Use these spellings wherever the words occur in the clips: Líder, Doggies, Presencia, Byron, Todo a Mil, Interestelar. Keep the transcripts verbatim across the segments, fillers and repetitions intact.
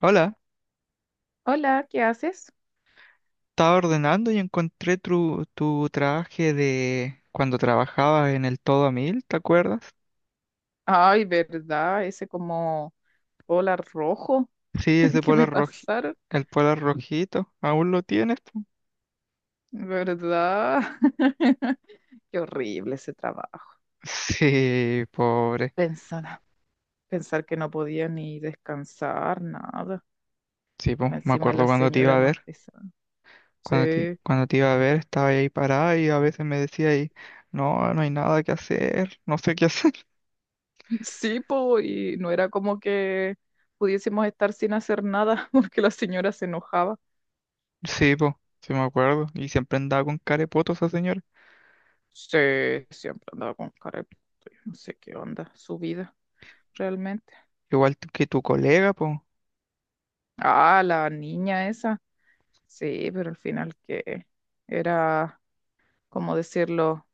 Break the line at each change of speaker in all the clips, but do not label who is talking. Hola,
Hola, ¿qué haces?
estaba ordenando y encontré tu, tu traje de cuando trabajabas en el Todo a Mil, ¿te acuerdas?
Ay, ¿verdad? Ese como hola rojo
Sí, ese
que me
polar roji,
pasaron,
el polar rojito, ¿aún lo tienes, po?
¿verdad? Qué horrible ese trabajo.
Sí, pobre.
Pensar, pensar que no podía ni descansar, nada.
Sí, po, me
Encima
acuerdo
la
cuando te iba
señora
a
más
ver,
pesada.
cuando te,
Sí,
cuando te iba a ver estaba ahí parada y a veces me decía ahí, no, no hay nada que hacer, no sé qué hacer.
sí, po, y no era como que pudiésemos estar sin hacer nada porque la señora se enojaba.
Sí, po, sí me acuerdo, y siempre andaba con carepotos esa señora,
Sí, siempre andaba con cara de puto, yo no sé qué onda su vida realmente.
igual que tu colega, po.
Ah, la niña esa. Sí, pero al final que era, como decirlo,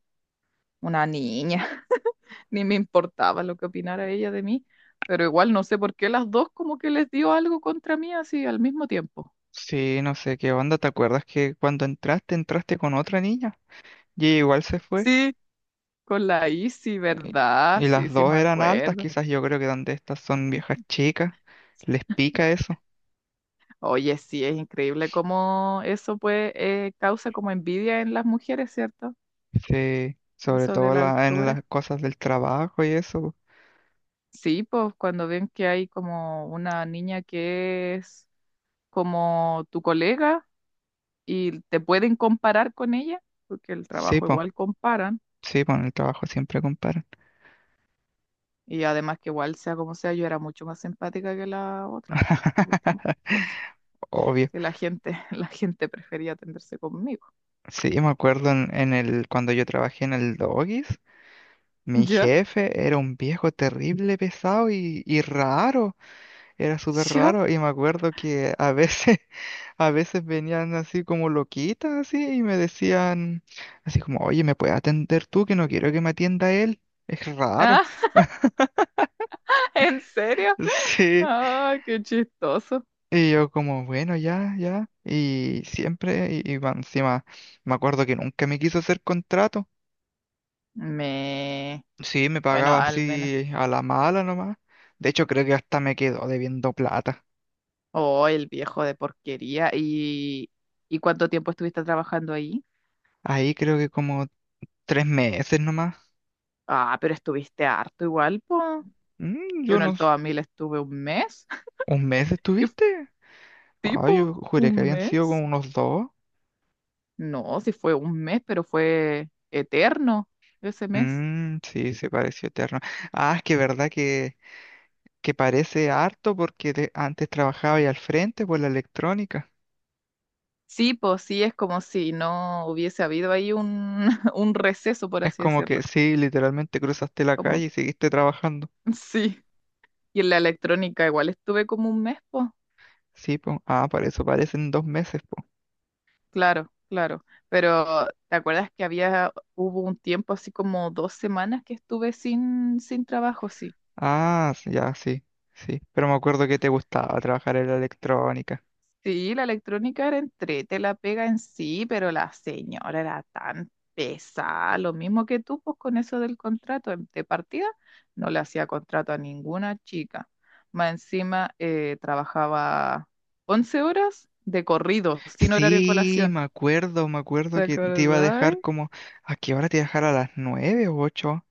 una niña. Ni me importaba lo que opinara ella de mí, pero igual no sé por qué las dos como que les dio algo contra mí así al mismo tiempo.
Sí, no sé qué onda. ¿Te acuerdas que cuando entraste, entraste con otra niña? Y ella igual se fue.
Sí, con la Isi,
eh,
¿verdad?
Y
Sí,
las
sí
dos
me
eran altas,
acuerdo.
quizás yo creo que donde estas son viejas chicas, les pica eso.
Oye, sí, es increíble cómo eso pues eh, causa como envidia en las mujeres, ¿cierto?
Sí, sobre
Eso de
todo
la
la- en las
altura.
cosas del trabajo y eso, po.
Sí, pues cuando ven que hay como una niña que es como tu colega y te pueden comparar con ella, porque el
Sí,
trabajo
po,
igual comparan,
sí, po, en el trabajo siempre comparan.
y además que igual sea como sea, yo era mucho más empática que la otra. Ya estamos con cosas.
Obvio.
Que la gente, la gente prefería atenderse conmigo.
Sí, me acuerdo en, en el, cuando yo trabajé en el Doggies, mi
¿Ya?
jefe era un viejo terrible, pesado y, y raro. Era súper
¿Ya?
raro y me acuerdo que a veces, a veces venían así como loquitas así y me decían así como, oye, ¿me puedes atender tú? Que no quiero que me atienda él. Es raro.
¿Ah, ¿en serio?
Sí.
Ah, qué chistoso.
Y yo como, bueno, ya, ya. Y siempre, y, y más encima, me acuerdo que nunca me quiso hacer contrato.
Me...
Sí, me
Bueno,
pagaba
al menos.
así a la mala nomás. De hecho, creo que hasta me quedó debiendo plata.
Oh, el viejo de porquería. ¿Y, y cuánto tiempo estuviste trabajando ahí?
Ahí creo que como tres meses nomás.
Ah, pero estuviste harto igual, pues.
Mm,
Yo
yo
en
no...
el
s-
Todamil estuve un mes.
¿un mes
Y
estuviste? Ah,
tipo,
yo
un
juré que habían sido como
mes.
unos dos.
No, sí fue un mes, pero fue eterno ese mes.
Mm, sí, se pareció eterno. Ah, es que verdad que, que parece harto porque te- antes trabajaba ahí al frente por la electrónica.
Sí, pues sí, es como si no hubiese habido ahí un, un receso, por
Es
así
como que
decirlo.
sí, literalmente cruzaste la
Como,
calle y seguiste trabajando.
sí. Y en la electrónica igual estuve como un mes, pues.
Sí, po. Ah, para eso parecen dos meses, po.
Claro, claro. Pero ¿te acuerdas que había, hubo un tiempo así como dos semanas que estuve sin, sin trabajo, sí?
Ah, s- ya, sí, sí. Pero me acuerdo que te gustaba trabajar en la electrónica.
Sí, la electrónica era entrete, la pega en sí, pero la señora era tan pesada, lo mismo que tú, pues con eso del contrato em- de partida, no le hacía contrato a ninguna chica. Más encima eh, trabajaba once horas de corrido, sin horario de
Sí,
colación.
me acuerdo, me
¿Te
acuerdo que te iba a
acordás?
dejar como... ¿A qué hora te iba a dejar, a las nueve o ocho?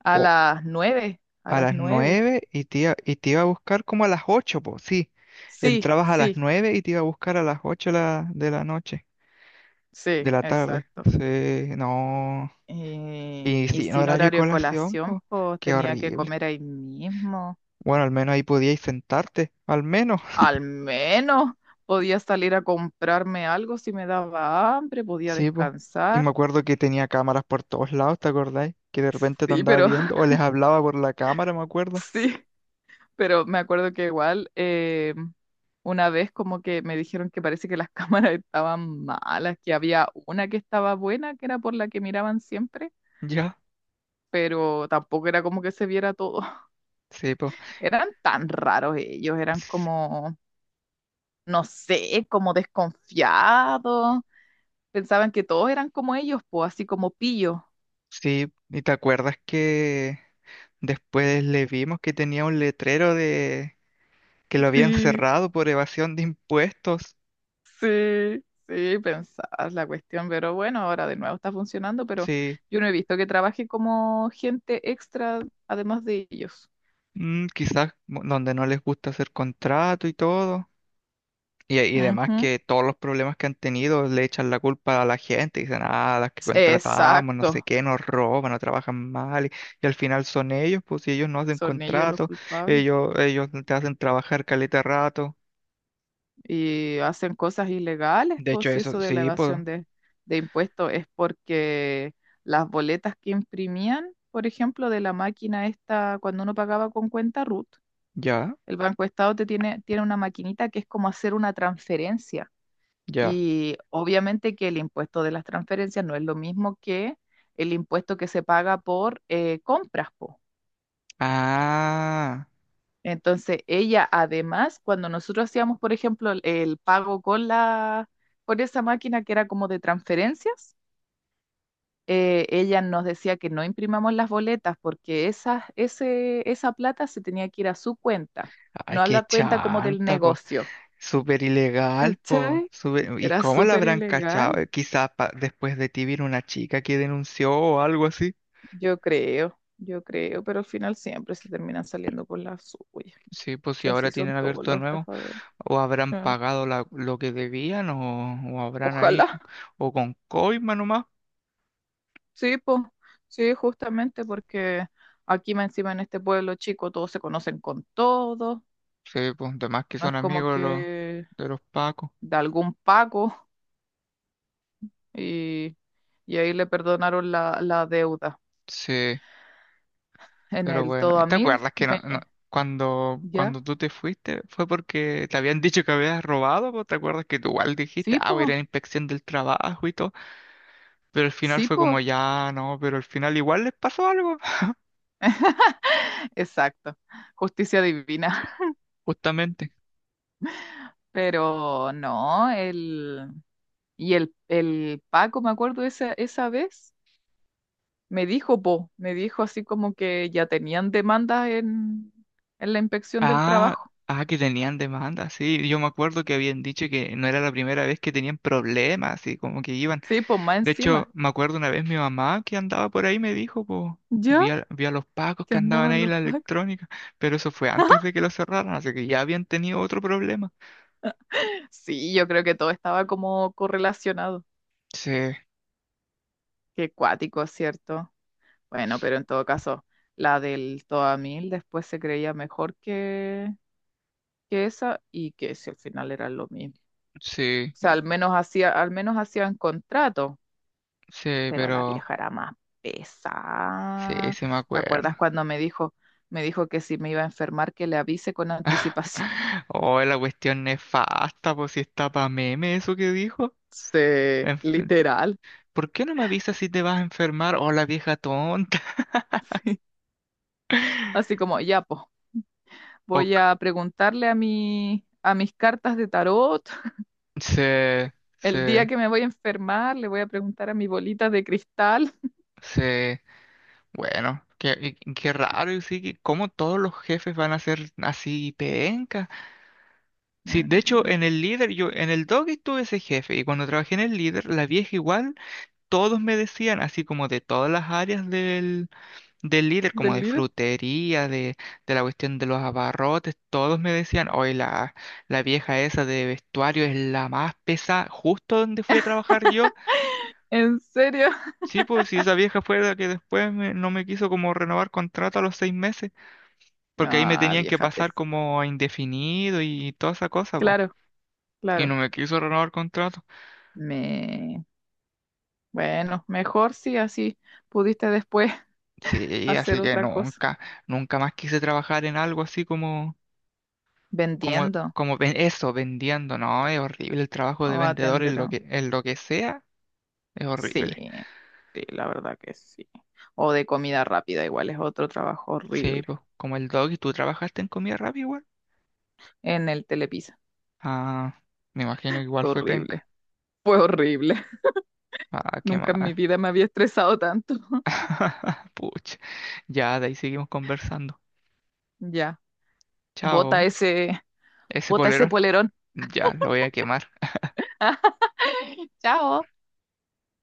A las nueve, a
A
las
las
nueve.
nueve y te iba, y te iba a buscar como a las ocho, pues sí.
Sí,
Entrabas a las
sí,
nueve y te iba a buscar a las ocho la- de la noche, de
sí,
la tarde.
exacto.
Sí, no.
Eh,
Y
y
sin
sin
horario de
horario de
colación,
colación,
pues,
pues
qué
tenía que
horrible.
comer ahí mismo.
Bueno, al menos ahí podíais sentarte, al menos.
Al menos podía salir a comprarme algo si me daba hambre, podía
Sí, pues. Y me
descansar.
acuerdo que tenía cámaras por todos lados, ¿te acordáis? Que de repente te
Sí,
andaba
pero
viendo, o les hablaba por la cámara, me acuerdo.
sí, pero me acuerdo que igual eh, una vez como que me dijeron que parece que las cámaras estaban malas, que había una que estaba buena, que era por la que miraban siempre,
Ya,
pero tampoco era como que se viera todo.
sí, pues.
Eran tan raros ellos, eran como, no sé, como desconfiados. Pensaban que todos eran como ellos, pues así como pillo.
Sí, y te acuerdas que después le vimos que tenía un letrero de que lo habían
Sí.
cerrado por evasión de impuestos.
Sí, sí, pensás la cuestión, pero bueno, ahora de nuevo está funcionando, pero
Sí,
yo no he visto que trabaje como gente extra además de ellos.
mm, quizás mo- donde no les gusta hacer contrato y todo. Y, y además
Ujú.
que todos los problemas que han tenido le echan la culpa a la gente. Dicen, ah, las que
S-
contratamos, no sé
Exacto,
qué, nos roban, no trabajan mal. Y, y al final son ellos, pues si ellos no hacen
son ellos los
contrato,
culpables
ellos, ellos te hacen trabajar caleta rato.
y hacen cosas ilegales,
De
pues
hecho,
si
eso,
eso de la
sí, pues,
evasión de, de impuestos es porque las boletas que imprimían, por ejemplo, de la máquina esta, cuando uno pagaba con cuenta R U T,
ya,
el Banco Estado te tiene, tiene una maquinita que es como hacer una transferencia.
ya.
Y obviamente que el impuesto de las transferencias no es lo mismo que el impuesto que se paga por eh, compras, po.
Ah.
Entonces, ella además, cuando nosotros hacíamos, por ejemplo, el, el pago con la, por esa máquina que era como de transferencias, eh, ella nos decía que no imprimamos las boletas porque esa, ese, esa plata se tenía que ir a su cuenta,
Ay,
no a
qué
la cuenta como del
chanta, po.
negocio.
Súper ilegal, po.
¿Cachai?
Súper- ¿y
Era
cómo la
súper
habrán cachado?
ilegal.
Eh, Quizás pa- después de ti vino una chica que denunció o algo así.
Yo creo, yo creo, pero al final siempre se terminan saliendo por la suya.
Sí, pues si
Si
ahora
así son
tienen
todos
abierto
los
de nuevo,
estafadores.
o habrán
Sí.
pagado la- lo que debían, o, o habrán ahí,
Ojalá,
co- o con coima nomás.
sí, pues, sí, justamente porque aquí más encima en este pueblo chico todos se conocen con todos,
Sí, pues de más que
no
son
es como
amigos los,
que
de los pacos.
de algún pago y, y ahí le perdonaron la, la deuda.
Sí.
En
Pero
el
bueno,
todo
¿y
a
¿te
mil,
acuerdas que no,
me,
no- cuando,
ya,
cuando tú te fuiste fue porque te habían dicho que habías robado, pues? ¿Te acuerdas que tú igual dijiste,
sí,
ah, voy a
pues,
ir a la inspección del trabajo y todo? Pero al final
sí,
fue
pues,
como, ya, no, pero al final igual les pasó algo,
exacto, justicia divina.
justamente.
Pero no, el... Y el, el Paco, me acuerdo esa, esa vez, me dijo, po, me dijo así como que ya tenían demandas en, en la inspección del
Ah,
trabajo.
ah, que tenían demanda, sí. Yo me acuerdo que habían dicho que no era la primera vez que tenían problemas y como que iban.
Sí, pues más
De hecho,
encima.
me acuerdo una vez mi mamá que andaba por ahí me dijo, po,
¿Ya?
vi a, vi a los pacos
Que
que andaban
andaban
ahí en
los
la
Pacos.
electrónica, pero eso fue antes de que lo cerraran, así que ya habían tenido otro problema.
Sí, yo creo que todo estaba como correlacionado.
Sí,
Qué cuático, ¿cierto? Bueno, pero en todo caso, la del Toa Mil después se creía mejor que, que esa y que si al final era lo mismo.
sí,
O sea, al menos hacía, al menos hacían contrato,
sí,
pero la
pero
vieja era más
sí,
pesada.
sí me
¿Te
acuerdo.
acuerdas cuando me dijo, me dijo que si me iba a enfermar que le avise con anticipación?
Oh, la cuestión nefasta, pues si está pa' meme eso que dijo.
Sí,
Enf-
literal.
¿por qué no me avisas si te vas a enfermar? Oh, la vieja tonta.
Así como, ya, pues, voy
Ok,
a preguntarle a mi, a mis cartas de tarot.
sí,
El día
sí,
que me voy a enfermar, le voy a preguntar a mi bolita de cristal.
sí. Bueno, qué, qué- qué raro, y sí, que cómo todos los jefes van a ser así penca. Sí, de hecho,
Mm,
en el líder, yo, en el Doggy tuve ese jefe, y cuando trabajé en el líder, la vieja igual, todos me decían, así como de todas las áreas del, del líder, como
¿del
de
líder?
frutería, de, de la cuestión de los abarrotes, todos me decían, hoy la, la vieja esa de vestuario es la más pesada, justo donde fui a trabajar yo.
¿En serio?
Sí, pues si esa vieja fue la que después me- no me quiso como renovar contrato a los seis meses. Porque ahí me
Ah,
tenían que
vieja
pasar
pesa.
como a indefinido y toda esa cosa, po.
Claro,
Y
claro.
no me quiso renovar contrato.
Me, bueno, mejor si así pudiste después
Sí, así
hacer
que
otra cosa,
nunca, nunca más quise trabajar en algo así como, como,
vendiendo
como ven- eso, vendiendo. No, es horrible el trabajo
o
de vendedor en lo
atendiendo.
que, en lo que sea, es
Sí,
horrible.
sí, la verdad que sí. O de comida rápida, igual es otro trabajo
Sí,
horrible.
pues, como el dog, y tú trabajaste en comida rápida igual.
En el Telepizza,
Ah, me imagino que igual
fue
fue penca.
horrible, fue horrible.
Ah, qué
Nunca en mi
mal.
vida me había estresado tanto.
Pucha. Ya, de ahí seguimos conversando.
Ya, bota
Chao.
ese,
Ese
bota ese
polerón.
polerón.
Ya, lo voy a quemar.
Chao.